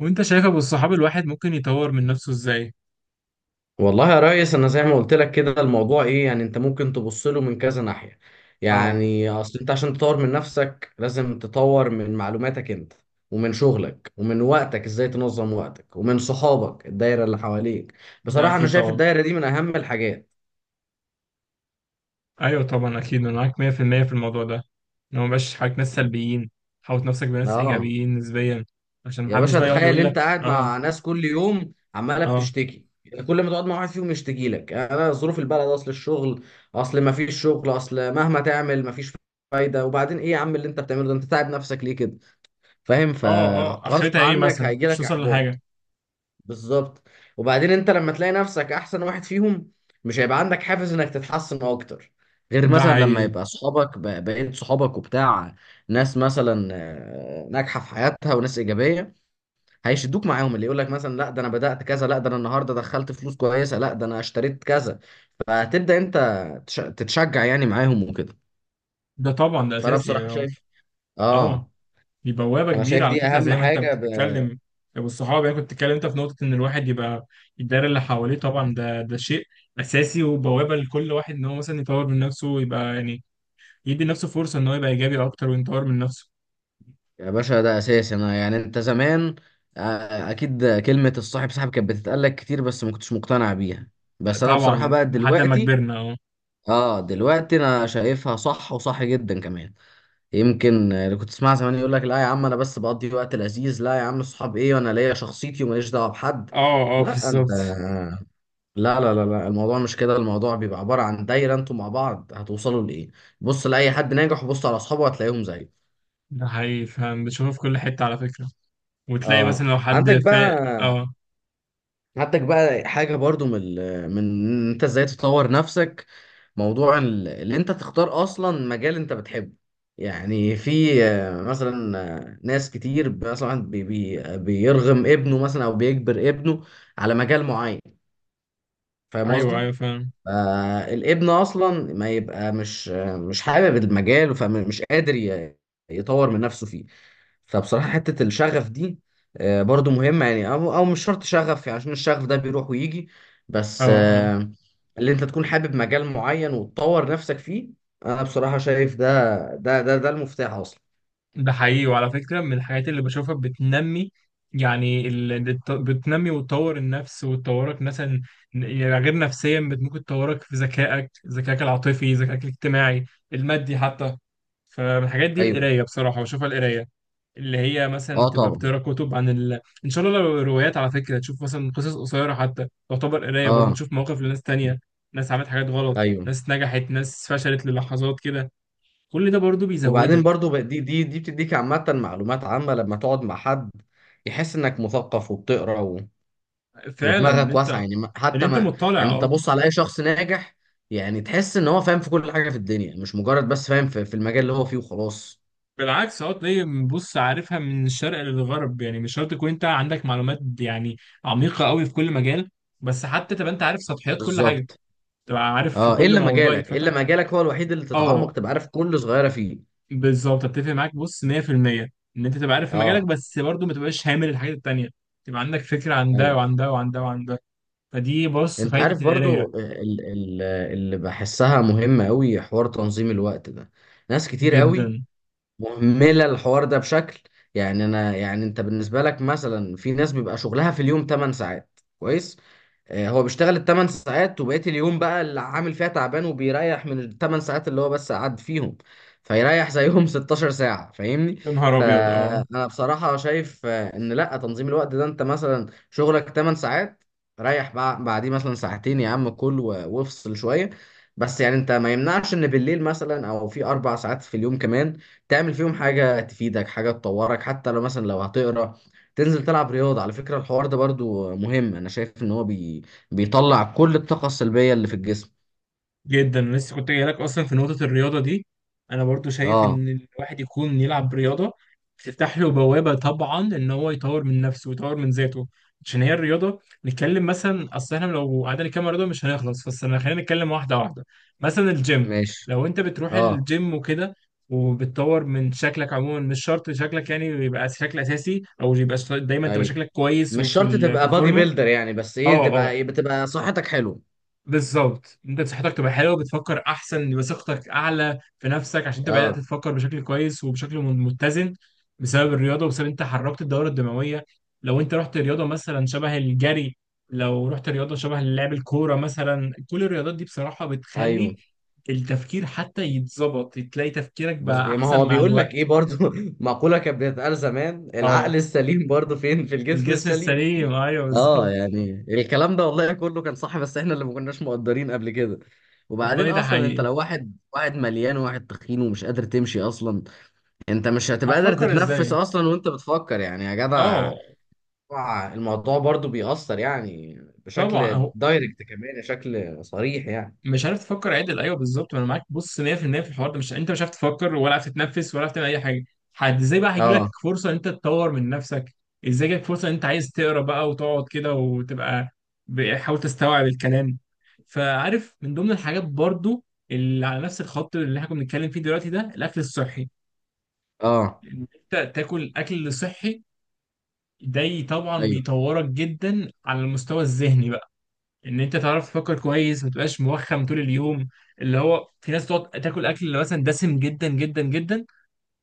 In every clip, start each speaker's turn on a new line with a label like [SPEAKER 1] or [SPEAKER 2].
[SPEAKER 1] وانت شايف ابو الصحاب الواحد ممكن يطور من نفسه ازاي؟
[SPEAKER 2] والله يا ريس، انا زي ما قلت لك كده، الموضوع ايه؟ يعني انت ممكن تبص له من كذا ناحية.
[SPEAKER 1] اه،
[SPEAKER 2] يعني اصل انت عشان تطور من نفسك لازم تطور من معلوماتك انت، ومن شغلك، ومن وقتك ازاي تنظم وقتك، ومن صحابك الدايرة اللي حواليك.
[SPEAKER 1] ده
[SPEAKER 2] بصراحة انا
[SPEAKER 1] اكيد
[SPEAKER 2] شايف
[SPEAKER 1] طبعا.
[SPEAKER 2] الدايرة دي من اهم الحاجات.
[SPEAKER 1] ايوه طبعا، اكيد انا معاك 100% في المية في الموضوع ده، ان هو مبقاش حواليك ناس سلبيين. حوط نفسك بناس
[SPEAKER 2] اه،
[SPEAKER 1] ايجابيين نسبيا، عشان
[SPEAKER 2] يا
[SPEAKER 1] محدش
[SPEAKER 2] باشا،
[SPEAKER 1] بقى يقعد
[SPEAKER 2] تخيل
[SPEAKER 1] يقول لك.
[SPEAKER 2] انت قاعد
[SPEAKER 1] اه،
[SPEAKER 2] مع ناس كل يوم عماله
[SPEAKER 1] اه،
[SPEAKER 2] بتشتكي، يعني كل ما تقعد مع واحد فيهم يشتكي لك يعني انا ظروف البلد، اصل الشغل، اصل ما فيش شغل، اصل مهما تعمل ما فيش فايده. وبعدين ايه يا عم اللي انت بتعمله ده؟ انت تعب نفسك ليه كده؟ فاهم؟
[SPEAKER 1] اه، اه،
[SPEAKER 2] فغصب
[SPEAKER 1] اخرتها ايه
[SPEAKER 2] عنك
[SPEAKER 1] مثلا؟
[SPEAKER 2] هيجي
[SPEAKER 1] مش
[SPEAKER 2] لك
[SPEAKER 1] توصل
[SPEAKER 2] احباط.
[SPEAKER 1] لحاجه.
[SPEAKER 2] بالظبط. وبعدين انت لما تلاقي نفسك احسن واحد فيهم مش هيبقى عندك حافز انك تتحسن اكتر، غير
[SPEAKER 1] ده
[SPEAKER 2] مثلا لما
[SPEAKER 1] حقيقي.
[SPEAKER 2] يبقى صحابك، بقيت صحابك وبتاع ناس مثلا ناجحه في حياتها وناس ايجابيه، هيشدوك معاهم. اللي يقول لك مثلا لا ده انا بدأت كذا، لا ده انا النهارده دخلت فلوس كويسه، لا ده انا اشتريت كذا، فهتبدأ انت تتشجع يعني معاهم وكده.
[SPEAKER 1] ده طبعا ده
[SPEAKER 2] فانا
[SPEAKER 1] اساسي يعني.
[SPEAKER 2] بصراحه
[SPEAKER 1] اه،
[SPEAKER 2] شايف،
[SPEAKER 1] اه،
[SPEAKER 2] اه،
[SPEAKER 1] دي بوابة
[SPEAKER 2] انا
[SPEAKER 1] كبيرة
[SPEAKER 2] شايف
[SPEAKER 1] على
[SPEAKER 2] دي
[SPEAKER 1] فكرة
[SPEAKER 2] اهم
[SPEAKER 1] زي ما انت
[SPEAKER 2] حاجه
[SPEAKER 1] بتتكلم. والصحاب، يعني كنت بتتكلم انت في نقطة ان الواحد يبقى الدايرة اللي حواليه طبعا، ده شيء اساسي وبوابة لكل واحد ان هو مثلا يطور من نفسه ويبقى يعني يدي لنفسه فرصة ان هو يبقى ايجابي اكتر ويطور من نفسه.
[SPEAKER 2] يا باشا ده اساسي. انا يعني انت زمان اكيد كلمه الصاحب سحب كانت بتتقال لك كتير بس ما كنتش مقتنع بيها. بس انا بصراحه
[SPEAKER 1] طبعا
[SPEAKER 2] بقى
[SPEAKER 1] لحد ما
[SPEAKER 2] دلوقتي،
[SPEAKER 1] كبرنا. اه،
[SPEAKER 2] اه دلوقتي، انا شايفها صح وصح جدا كمان. يمكن اللي كنت تسمع زمان يقول لك لا يا عم انا بس بقضي وقت لذيذ، لا يا عم الصحاب ايه، وانا ليا شخصيتي وماليش دعوه بحد.
[SPEAKER 1] اه، اه،
[SPEAKER 2] لا انت،
[SPEAKER 1] بالظبط.
[SPEAKER 2] لا لا لا لا، الموضوع مش كده. الموضوع بيبقى عباره عن دايره، انتوا مع بعض هتوصلوا لايه؟ بص لاي حد ناجح وبص على اصحابه هتلاقيهم زيه.
[SPEAKER 1] ده حقيقي، فاهم بتشوفه في كل حتة على فكرة. وتلاقي
[SPEAKER 2] اه.
[SPEAKER 1] مثلا لو حد
[SPEAKER 2] عندك بقى
[SPEAKER 1] اه.
[SPEAKER 2] عندك بقى حاجه برضو من إن انت ازاي تطور نفسك. اللي انت تختار اصلا مجال انت بتحبه. يعني في مثلا ناس كتير مثلا بي بي آه، بيرغم ابنه مثلا او بيجبر ابنه على مجال معين. فاهم
[SPEAKER 1] ايوه
[SPEAKER 2] قصدي؟
[SPEAKER 1] ايوه فاهم.
[SPEAKER 2] الابن اصلا ما يبقى مش حابب المجال، فمش قادر يطور من نفسه فيه. فبصراحة حتة الشغف دي برضو مهمة يعني، أو مش شرط شغف يعني، عشان الشغف ده بيروح ويجي.
[SPEAKER 1] اه،
[SPEAKER 2] بس
[SPEAKER 1] اه،
[SPEAKER 2] اللي أنت تكون حابب مجال معين وتطور نفسك فيه، أنا بصراحة شايف ده المفتاح أصلا.
[SPEAKER 1] ده حقيقي. وعلى فكرة، من الحاجات اللي بشوفها بتنمي، يعني بتنمي وتطور النفس وتطورك مثلا، يعني غير نفسيا، ممكن تطورك في ذكائك العاطفي، ذكائك الاجتماعي، المادي حتى. فمن الحاجات دي
[SPEAKER 2] أيوه.
[SPEAKER 1] القراية، بصراحة بشوفها القراية، اللي هي مثلا
[SPEAKER 2] أه
[SPEAKER 1] تبقى
[SPEAKER 2] طبعا.
[SPEAKER 1] بتقرا كتب عن إن شاء الله لو روايات. على فكرة تشوف مثلا قصص قصيرة، حتى تعتبر قراية برضو،
[SPEAKER 2] أه
[SPEAKER 1] تشوف مواقف لناس تانية، ناس عملت حاجات غلط،
[SPEAKER 2] أيوه.
[SPEAKER 1] ناس نجحت، ناس فشلت للحظات كده، كل ده برضو
[SPEAKER 2] وبعدين
[SPEAKER 1] بيزودك.
[SPEAKER 2] برضو دي بتديك عامة، معلومات عامة، لما تقعد مع حد يحس إنك مثقف وبتقرأ
[SPEAKER 1] فعلا
[SPEAKER 2] ودماغك واسعه. يعني
[SPEAKER 1] ان
[SPEAKER 2] حتى
[SPEAKER 1] انت
[SPEAKER 2] ما
[SPEAKER 1] مطلع.
[SPEAKER 2] يعني، انت
[SPEAKER 1] اه،
[SPEAKER 2] بص على اي شخص ناجح، يعني تحس ان هو فاهم في كل حاجه في الدنيا، مش مجرد بس فاهم في المجال اللي هو فيه وخلاص.
[SPEAKER 1] بالعكس، اه تلاقي بص عارفها من الشرق للغرب، يعني مش شرط تكون انت عندك معلومات يعني عميقه قوي في كل مجال، بس حتى تبقى انت عارف سطحيات كل حاجه،
[SPEAKER 2] بالظبط.
[SPEAKER 1] تبقى عارف في
[SPEAKER 2] اه،
[SPEAKER 1] كل
[SPEAKER 2] الا
[SPEAKER 1] موضوع
[SPEAKER 2] مجالك
[SPEAKER 1] يتفتح.
[SPEAKER 2] الا مجالك هو الوحيد اللي تتعمق
[SPEAKER 1] اه،
[SPEAKER 2] تبقى عارف كل صغيره فيه.
[SPEAKER 1] بالظبط، اتفق معاك بص 100%. ان انت تبقى عارف في مجالك
[SPEAKER 2] اه.
[SPEAKER 1] بس برضه ما تبقاش هامل الحاجات التانيه، تبقى عندك فكره عن ده
[SPEAKER 2] ايوه.
[SPEAKER 1] وعن ده وعن ده وعن ده. فدي بص
[SPEAKER 2] انت
[SPEAKER 1] فايده
[SPEAKER 2] عارف
[SPEAKER 1] القرايه.
[SPEAKER 2] برضو اللي بحسها مهمه قوي، حوار تنظيم الوقت ده. ناس كتير قوي
[SPEAKER 1] جدا.
[SPEAKER 2] مهمله الحوار ده بشكل. يعني انا، يعني انت بالنسبه لك مثلا، في ناس بيبقى شغلها في اليوم 8 ساعات كويس، هو بيشتغل الثمان ساعات، وبقية اليوم بقى اللي عامل فيها تعبان، وبيريح من الثمان ساعات اللي هو بس قعد فيهم. فيريح زيهم 16 ساعة، فاهمني؟
[SPEAKER 1] يا نهار ابيض، اه،
[SPEAKER 2] فأنا بصراحة شايف إن لأ، تنظيم الوقت ده، أنت مثلا شغلك 8 ساعات، ريح بعديه مثلا ساعتين يا عم، كل وافصل شوية، بس يعني أنت ما يمنعش إن بالليل مثلا، أو في أربع ساعات في اليوم كمان، تعمل فيهم حاجة تفيدك، حاجة تطورك. حتى لو مثلا لو هتقرأ، تنزل تلعب رياضة، على فكرة الحوار ده برضو مهم. أنا شايف إن هو بي، بيطلع كل الطاقة السلبية اللي في الجسم.
[SPEAKER 1] جدا. أنا لسه كنت جاي لك اصلا في نقطه الرياضه دي. انا برضو شايف
[SPEAKER 2] اه.
[SPEAKER 1] ان الواحد يكون يلعب رياضه، بتفتح له بوابه طبعا ان هو يطور من نفسه ويطور من ذاته. عشان هي الرياضه، نتكلم مثلا، اصل احنا لو قعدنا نتكلم عن رياضه مش هنخلص، بس انا خلينا نتكلم واحده واحده. مثلا الجيم،
[SPEAKER 2] ماشي.
[SPEAKER 1] لو انت بتروح
[SPEAKER 2] اه.
[SPEAKER 1] الجيم وكده، وبتطور من شكلك عموما، مش شرط شكلك يعني يبقى شكل اساسي، او يبقى دايما تبقى
[SPEAKER 2] ايوه.
[SPEAKER 1] شكلك كويس
[SPEAKER 2] مش
[SPEAKER 1] وفي
[SPEAKER 2] شرط
[SPEAKER 1] في
[SPEAKER 2] تبقى بادي
[SPEAKER 1] الفورمه.
[SPEAKER 2] بيلدر يعني، بس ايه،
[SPEAKER 1] اه،
[SPEAKER 2] تبقى
[SPEAKER 1] آه،
[SPEAKER 2] ايه، بتبقى صحتك حلوه.
[SPEAKER 1] بالظبط، انت صحتك تبقى حلوه، بتفكر احسن، يبقى ثقتك اعلى في نفسك، عشان انت بدات
[SPEAKER 2] اه.
[SPEAKER 1] تفكر بشكل كويس وبشكل متزن، بسبب الرياضه وبسبب انت حركت الدوره الدمويه. لو انت رحت رياضه مثلا شبه الجري، لو رحت رياضه شبه لعب الكوره مثلا، كل الرياضات دي بصراحه
[SPEAKER 2] ايوه.
[SPEAKER 1] بتخلي التفكير حتى يتظبط، تلاقي تفكيرك
[SPEAKER 2] بس
[SPEAKER 1] بقى
[SPEAKER 2] يعني ما
[SPEAKER 1] احسن
[SPEAKER 2] هو
[SPEAKER 1] مع
[SPEAKER 2] بيقول لك ايه
[SPEAKER 1] الوقت.
[SPEAKER 2] برضو، مقولة كانت بتتقال زمان،
[SPEAKER 1] اه،
[SPEAKER 2] العقل السليم برضو فين؟ في الجسم
[SPEAKER 1] الجسم
[SPEAKER 2] السليم.
[SPEAKER 1] السليم، ايوه
[SPEAKER 2] اه،
[SPEAKER 1] بالظبط.
[SPEAKER 2] يعني الكلام ده والله كله كان صح، بس احنا اللي ما كناش مقدرين قبل كده.
[SPEAKER 1] والله
[SPEAKER 2] وبعدين
[SPEAKER 1] ده
[SPEAKER 2] اصلا انت
[SPEAKER 1] حقيقي.
[SPEAKER 2] لو واحد، واحد مليان وواحد تخين ومش قادر تمشي اصلا، انت مش هتبقى قادر
[SPEAKER 1] هتفكر
[SPEAKER 2] تتنفس
[SPEAKER 1] ازاي؟
[SPEAKER 2] اصلا وانت بتفكر، يعني يا جدع.
[SPEAKER 1] اه،
[SPEAKER 2] طبعاً الموضوع برضو بيأثر يعني، بشكل
[SPEAKER 1] طبعا.
[SPEAKER 2] دايركت كمان، بشكل صريح يعني.
[SPEAKER 1] مش عارف تفكر عدل، ايوه بالظبط، ما انا معاك بص 100% في المية في الحوار ده. مش انت مش عارف تفكر ولا عارف تتنفس ولا عارف تعمل اي حاجه، حد ازاي بقى هيجي لك
[SPEAKER 2] اه.
[SPEAKER 1] فرصه ان انت تطور من نفسك؟ ازاي جالك فرصه ان انت عايز تقرا بقى وتقعد كده وتبقى بتحاول تستوعب الكلام؟ فعارف، من ضمن الحاجات برضو اللي على نفس الخط اللي احنا كنا بنتكلم فيه دلوقتي ده الاكل الصحي.
[SPEAKER 2] اه.
[SPEAKER 1] ان انت تاكل اكل صحي، ده طبعا
[SPEAKER 2] ايوه.
[SPEAKER 1] بيطورك جدا على المستوى الذهني، ان انت تعرف تفكر كويس، ما تبقاش موخم طول اليوم. اللي هو في ناس تقعد تاكل اكل اللي مثلا دسم جدا جدا جدا،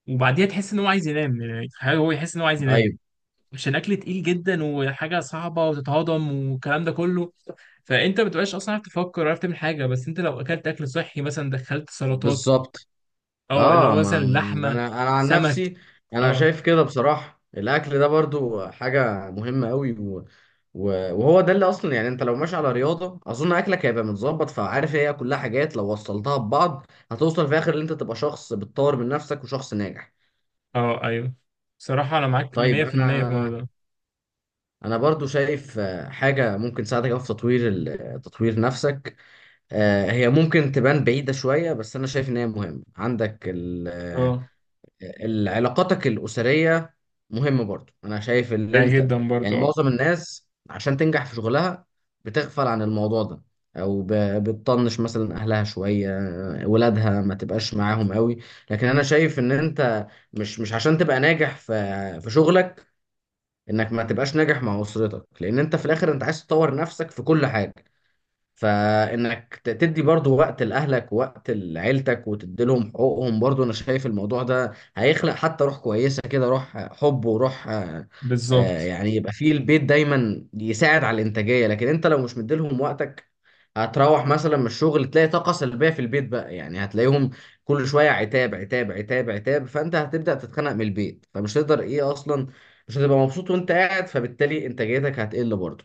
[SPEAKER 1] وبعديها تحس ان هو عايز ينام، يعني حاجة هو يحس ان هو عايز ينام
[SPEAKER 2] ايوه.
[SPEAKER 1] عشان اكل تقيل جدا وحاجه صعبه وتتهضم والكلام ده كله، فانت ما بتبقاش اصلا عارف تفكر، عارف تعمل حاجه. بس انت لو اكلت اكل صحي مثلا دخلت سلطات،
[SPEAKER 2] بالظبط.
[SPEAKER 1] اه، اللي هو
[SPEAKER 2] اه.
[SPEAKER 1] مثلا
[SPEAKER 2] ما
[SPEAKER 1] لحمه،
[SPEAKER 2] انا عن
[SPEAKER 1] سمك.
[SPEAKER 2] نفسي، انا
[SPEAKER 1] اه،
[SPEAKER 2] شايف كده بصراحة الاكل ده برضو حاجة مهمة قوي، و... و... وهو ده اللي اصلا. يعني انت لو ماشي على رياضة، اظن اكلك هيبقى متظبط. فعارف، هي كلها حاجات لو وصلتها ببعض هتوصل في الاخر ان انت تبقى شخص بتطور من نفسك وشخص ناجح.
[SPEAKER 1] اه، ايوه، بصراحه انا معاك
[SPEAKER 2] طيب
[SPEAKER 1] 100% في المية في
[SPEAKER 2] انا
[SPEAKER 1] الموضوع ده.
[SPEAKER 2] انا برضو شايف حاجه ممكن تساعدك أوي في تطوير تطوير نفسك. هي ممكن تبان بعيده شويه، بس انا شايف ان هي مهمه عندك
[SPEAKER 1] اه،
[SPEAKER 2] علاقاتك الاسريه مهمه برضو. انا شايف ان
[SPEAKER 1] ده
[SPEAKER 2] انت،
[SPEAKER 1] جدا
[SPEAKER 2] يعني
[SPEAKER 1] برضه. اه،
[SPEAKER 2] معظم الناس عشان تنجح في شغلها بتغفل عن الموضوع ده، او بتطنش مثلا اهلها شويه، ولادها ما تبقاش معاهم قوي. لكن انا شايف ان انت، مش عشان تبقى ناجح في في شغلك انك ما تبقاش ناجح مع اسرتك. لان انت في الاخر انت عايز تطور نفسك في كل حاجه، فانك تدي برضو وقت لاهلك ووقت لعيلتك وتديلهم حقوقهم. برضو انا شايف الموضوع ده هيخلق حتى روح كويسه كده، روح حب وروح
[SPEAKER 1] بالظبط.
[SPEAKER 2] يعني، يبقى فيه البيت دايما يساعد على الانتاجيه. لكن انت لو مش مديلهم وقتك، هتروح مثلا من الشغل تلاقي طاقه سلبيه في البيت بقى، يعني هتلاقيهم كل شويه عتاب عتاب عتاب عتاب، فانت هتبدا تتخنق من البيت، فمش هتقدر ايه اصلا، مش هتبقى مبسوط وانت قاعد، فبالتالي انتاجيتك هتقل برضو.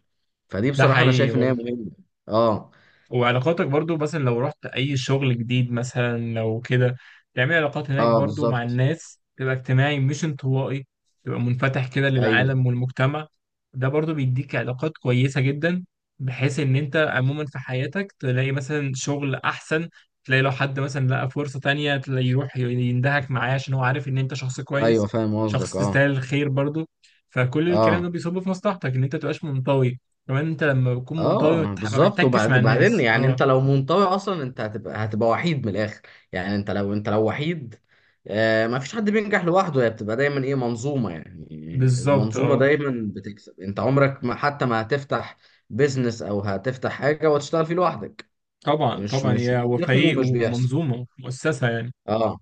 [SPEAKER 2] فدي
[SPEAKER 1] ده
[SPEAKER 2] بصراحه انا
[SPEAKER 1] حقيقي
[SPEAKER 2] شايف ان هي
[SPEAKER 1] برضه.
[SPEAKER 2] مهمه. اه.
[SPEAKER 1] وعلاقاتك برضو، مثلا لو رحت أي شغل جديد مثلا لو كده، تعمل علاقات هناك
[SPEAKER 2] اه.
[SPEAKER 1] برضو مع
[SPEAKER 2] بالظبط.
[SPEAKER 1] الناس، تبقى اجتماعي مش انطوائي، تبقى منفتح كده
[SPEAKER 2] ايوه.
[SPEAKER 1] للعالم والمجتمع. ده برضو بيديك علاقات كويسة جدا، بحيث إن أنت عموما في حياتك تلاقي مثلا شغل أحسن، تلاقي لو حد مثلا لقى فرصة تانية تلاقي يروح يندهك معاه، عشان هو عارف إن أنت شخص
[SPEAKER 2] ايوه
[SPEAKER 1] كويس،
[SPEAKER 2] فاهم
[SPEAKER 1] شخص
[SPEAKER 2] قصدك. اه.
[SPEAKER 1] تستاهل الخير برضو. فكل الكلام ده
[SPEAKER 2] اه.
[SPEAKER 1] بيصب في مصلحتك إن أنت تبقاش منطوي. كمان انت لما بتكون منطوي
[SPEAKER 2] اه
[SPEAKER 1] ما
[SPEAKER 2] بالظبط.
[SPEAKER 1] بتحتكش مع
[SPEAKER 2] وبعدين
[SPEAKER 1] الناس.
[SPEAKER 2] يعني
[SPEAKER 1] اه،
[SPEAKER 2] انت لو منطوي اصلا، انت هتبقى وحيد من الاخر. يعني انت لو، وحيد، آه ما فيش حد بينجح لوحده. هي بتبقى دايما ايه، منظومه يعني.
[SPEAKER 1] بالظبط.
[SPEAKER 2] المنظومه
[SPEAKER 1] اه،
[SPEAKER 2] دايما بتكسب. انت عمرك ما، حتى ما هتفتح بيزنس او هتفتح حاجه وتشتغل فيه لوحدك،
[SPEAKER 1] طبعا
[SPEAKER 2] مش
[SPEAKER 1] طبعا،
[SPEAKER 2] مش
[SPEAKER 1] يا هو
[SPEAKER 2] منطقي
[SPEAKER 1] فريق
[SPEAKER 2] ومش بيحصل.
[SPEAKER 1] ومنظومه مؤسسه يعني.
[SPEAKER 2] اه.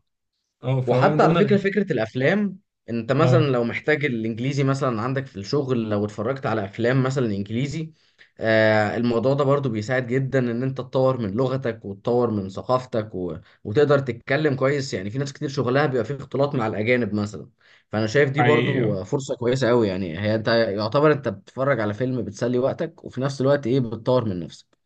[SPEAKER 1] اه، فهو من
[SPEAKER 2] وحتى على
[SPEAKER 1] ضمن
[SPEAKER 2] فكرة، فكرة الأفلام، أنت مثلا
[SPEAKER 1] اه،
[SPEAKER 2] لو محتاج الإنجليزي مثلا عندك في الشغل، لو اتفرجت على أفلام مثلا إنجليزي، آه الموضوع ده برضو بيساعد جدا إن أنت تطور من لغتك وتطور من ثقافتك، و... وتقدر تتكلم كويس. يعني في ناس كتير شغلها بيبقى فيه اختلاط مع الأجانب مثلا، فأنا شايف دي
[SPEAKER 1] حقيقي،
[SPEAKER 2] برضو فرصة كويسة أوي. يعني هي أنت يعتبر أنت بتتفرج على فيلم، بتسلي وقتك وفي نفس الوقت إيه، بتطور من نفسك.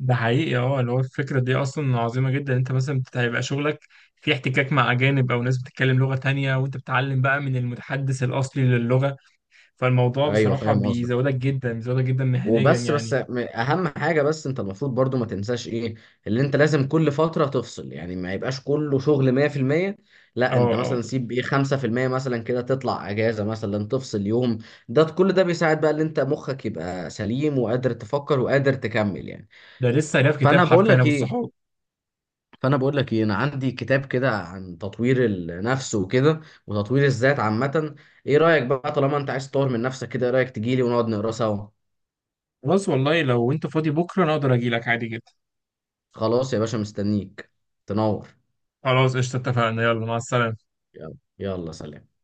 [SPEAKER 1] ده حقيقي. اه، اللي هو الفكره دي اصلا عظيمه جدا، انت مثلا هيبقى شغلك في احتكاك مع اجانب او ناس بتتكلم لغه تانية، وانت بتتعلم بقى من المتحدث الاصلي للغه. فالموضوع
[SPEAKER 2] أيوه
[SPEAKER 1] بصراحه
[SPEAKER 2] فاهم قصدك.
[SPEAKER 1] بيزودك جدا، بيزودك جدا مهنيا
[SPEAKER 2] وبس،
[SPEAKER 1] يعني.
[SPEAKER 2] اهم حاجه بس، انت المفروض برضو ما تنساش ايه، اللي انت لازم كل فتره تفصل، يعني ما يبقاش كله شغل 100%،
[SPEAKER 1] اه،
[SPEAKER 2] لا انت
[SPEAKER 1] اه،
[SPEAKER 2] مثلا سيب ايه، 5% مثلا كده، تطلع اجازه مثلا، تفصل يوم. ده كل ده بيساعد بقى ان انت مخك يبقى سليم وقادر تفكر وقادر تكمل يعني.
[SPEAKER 1] ده لسه قاري في كتاب
[SPEAKER 2] فانا بقول
[SPEAKER 1] حرفيا
[SPEAKER 2] لك
[SPEAKER 1] ابو
[SPEAKER 2] ايه
[SPEAKER 1] الصحاب.
[SPEAKER 2] فانا بقول لك ايه انا عندي كتاب كده عن تطوير النفس وكده، وتطوير الذات عامه. ايه رايك بقى، طالما انت عايز تطور من نفسك كده، ايه رايك تجيلي ونقعد نقرا سوا؟
[SPEAKER 1] خلاص والله، لو انت فاضي بكره انا اقدر اجي لك عادي جدا.
[SPEAKER 2] خلاص يا باشا، مستنيك، تنور.
[SPEAKER 1] خلاص قشطة، اتفقنا. يلا، مع السلامة.
[SPEAKER 2] يلا يلا، سلام.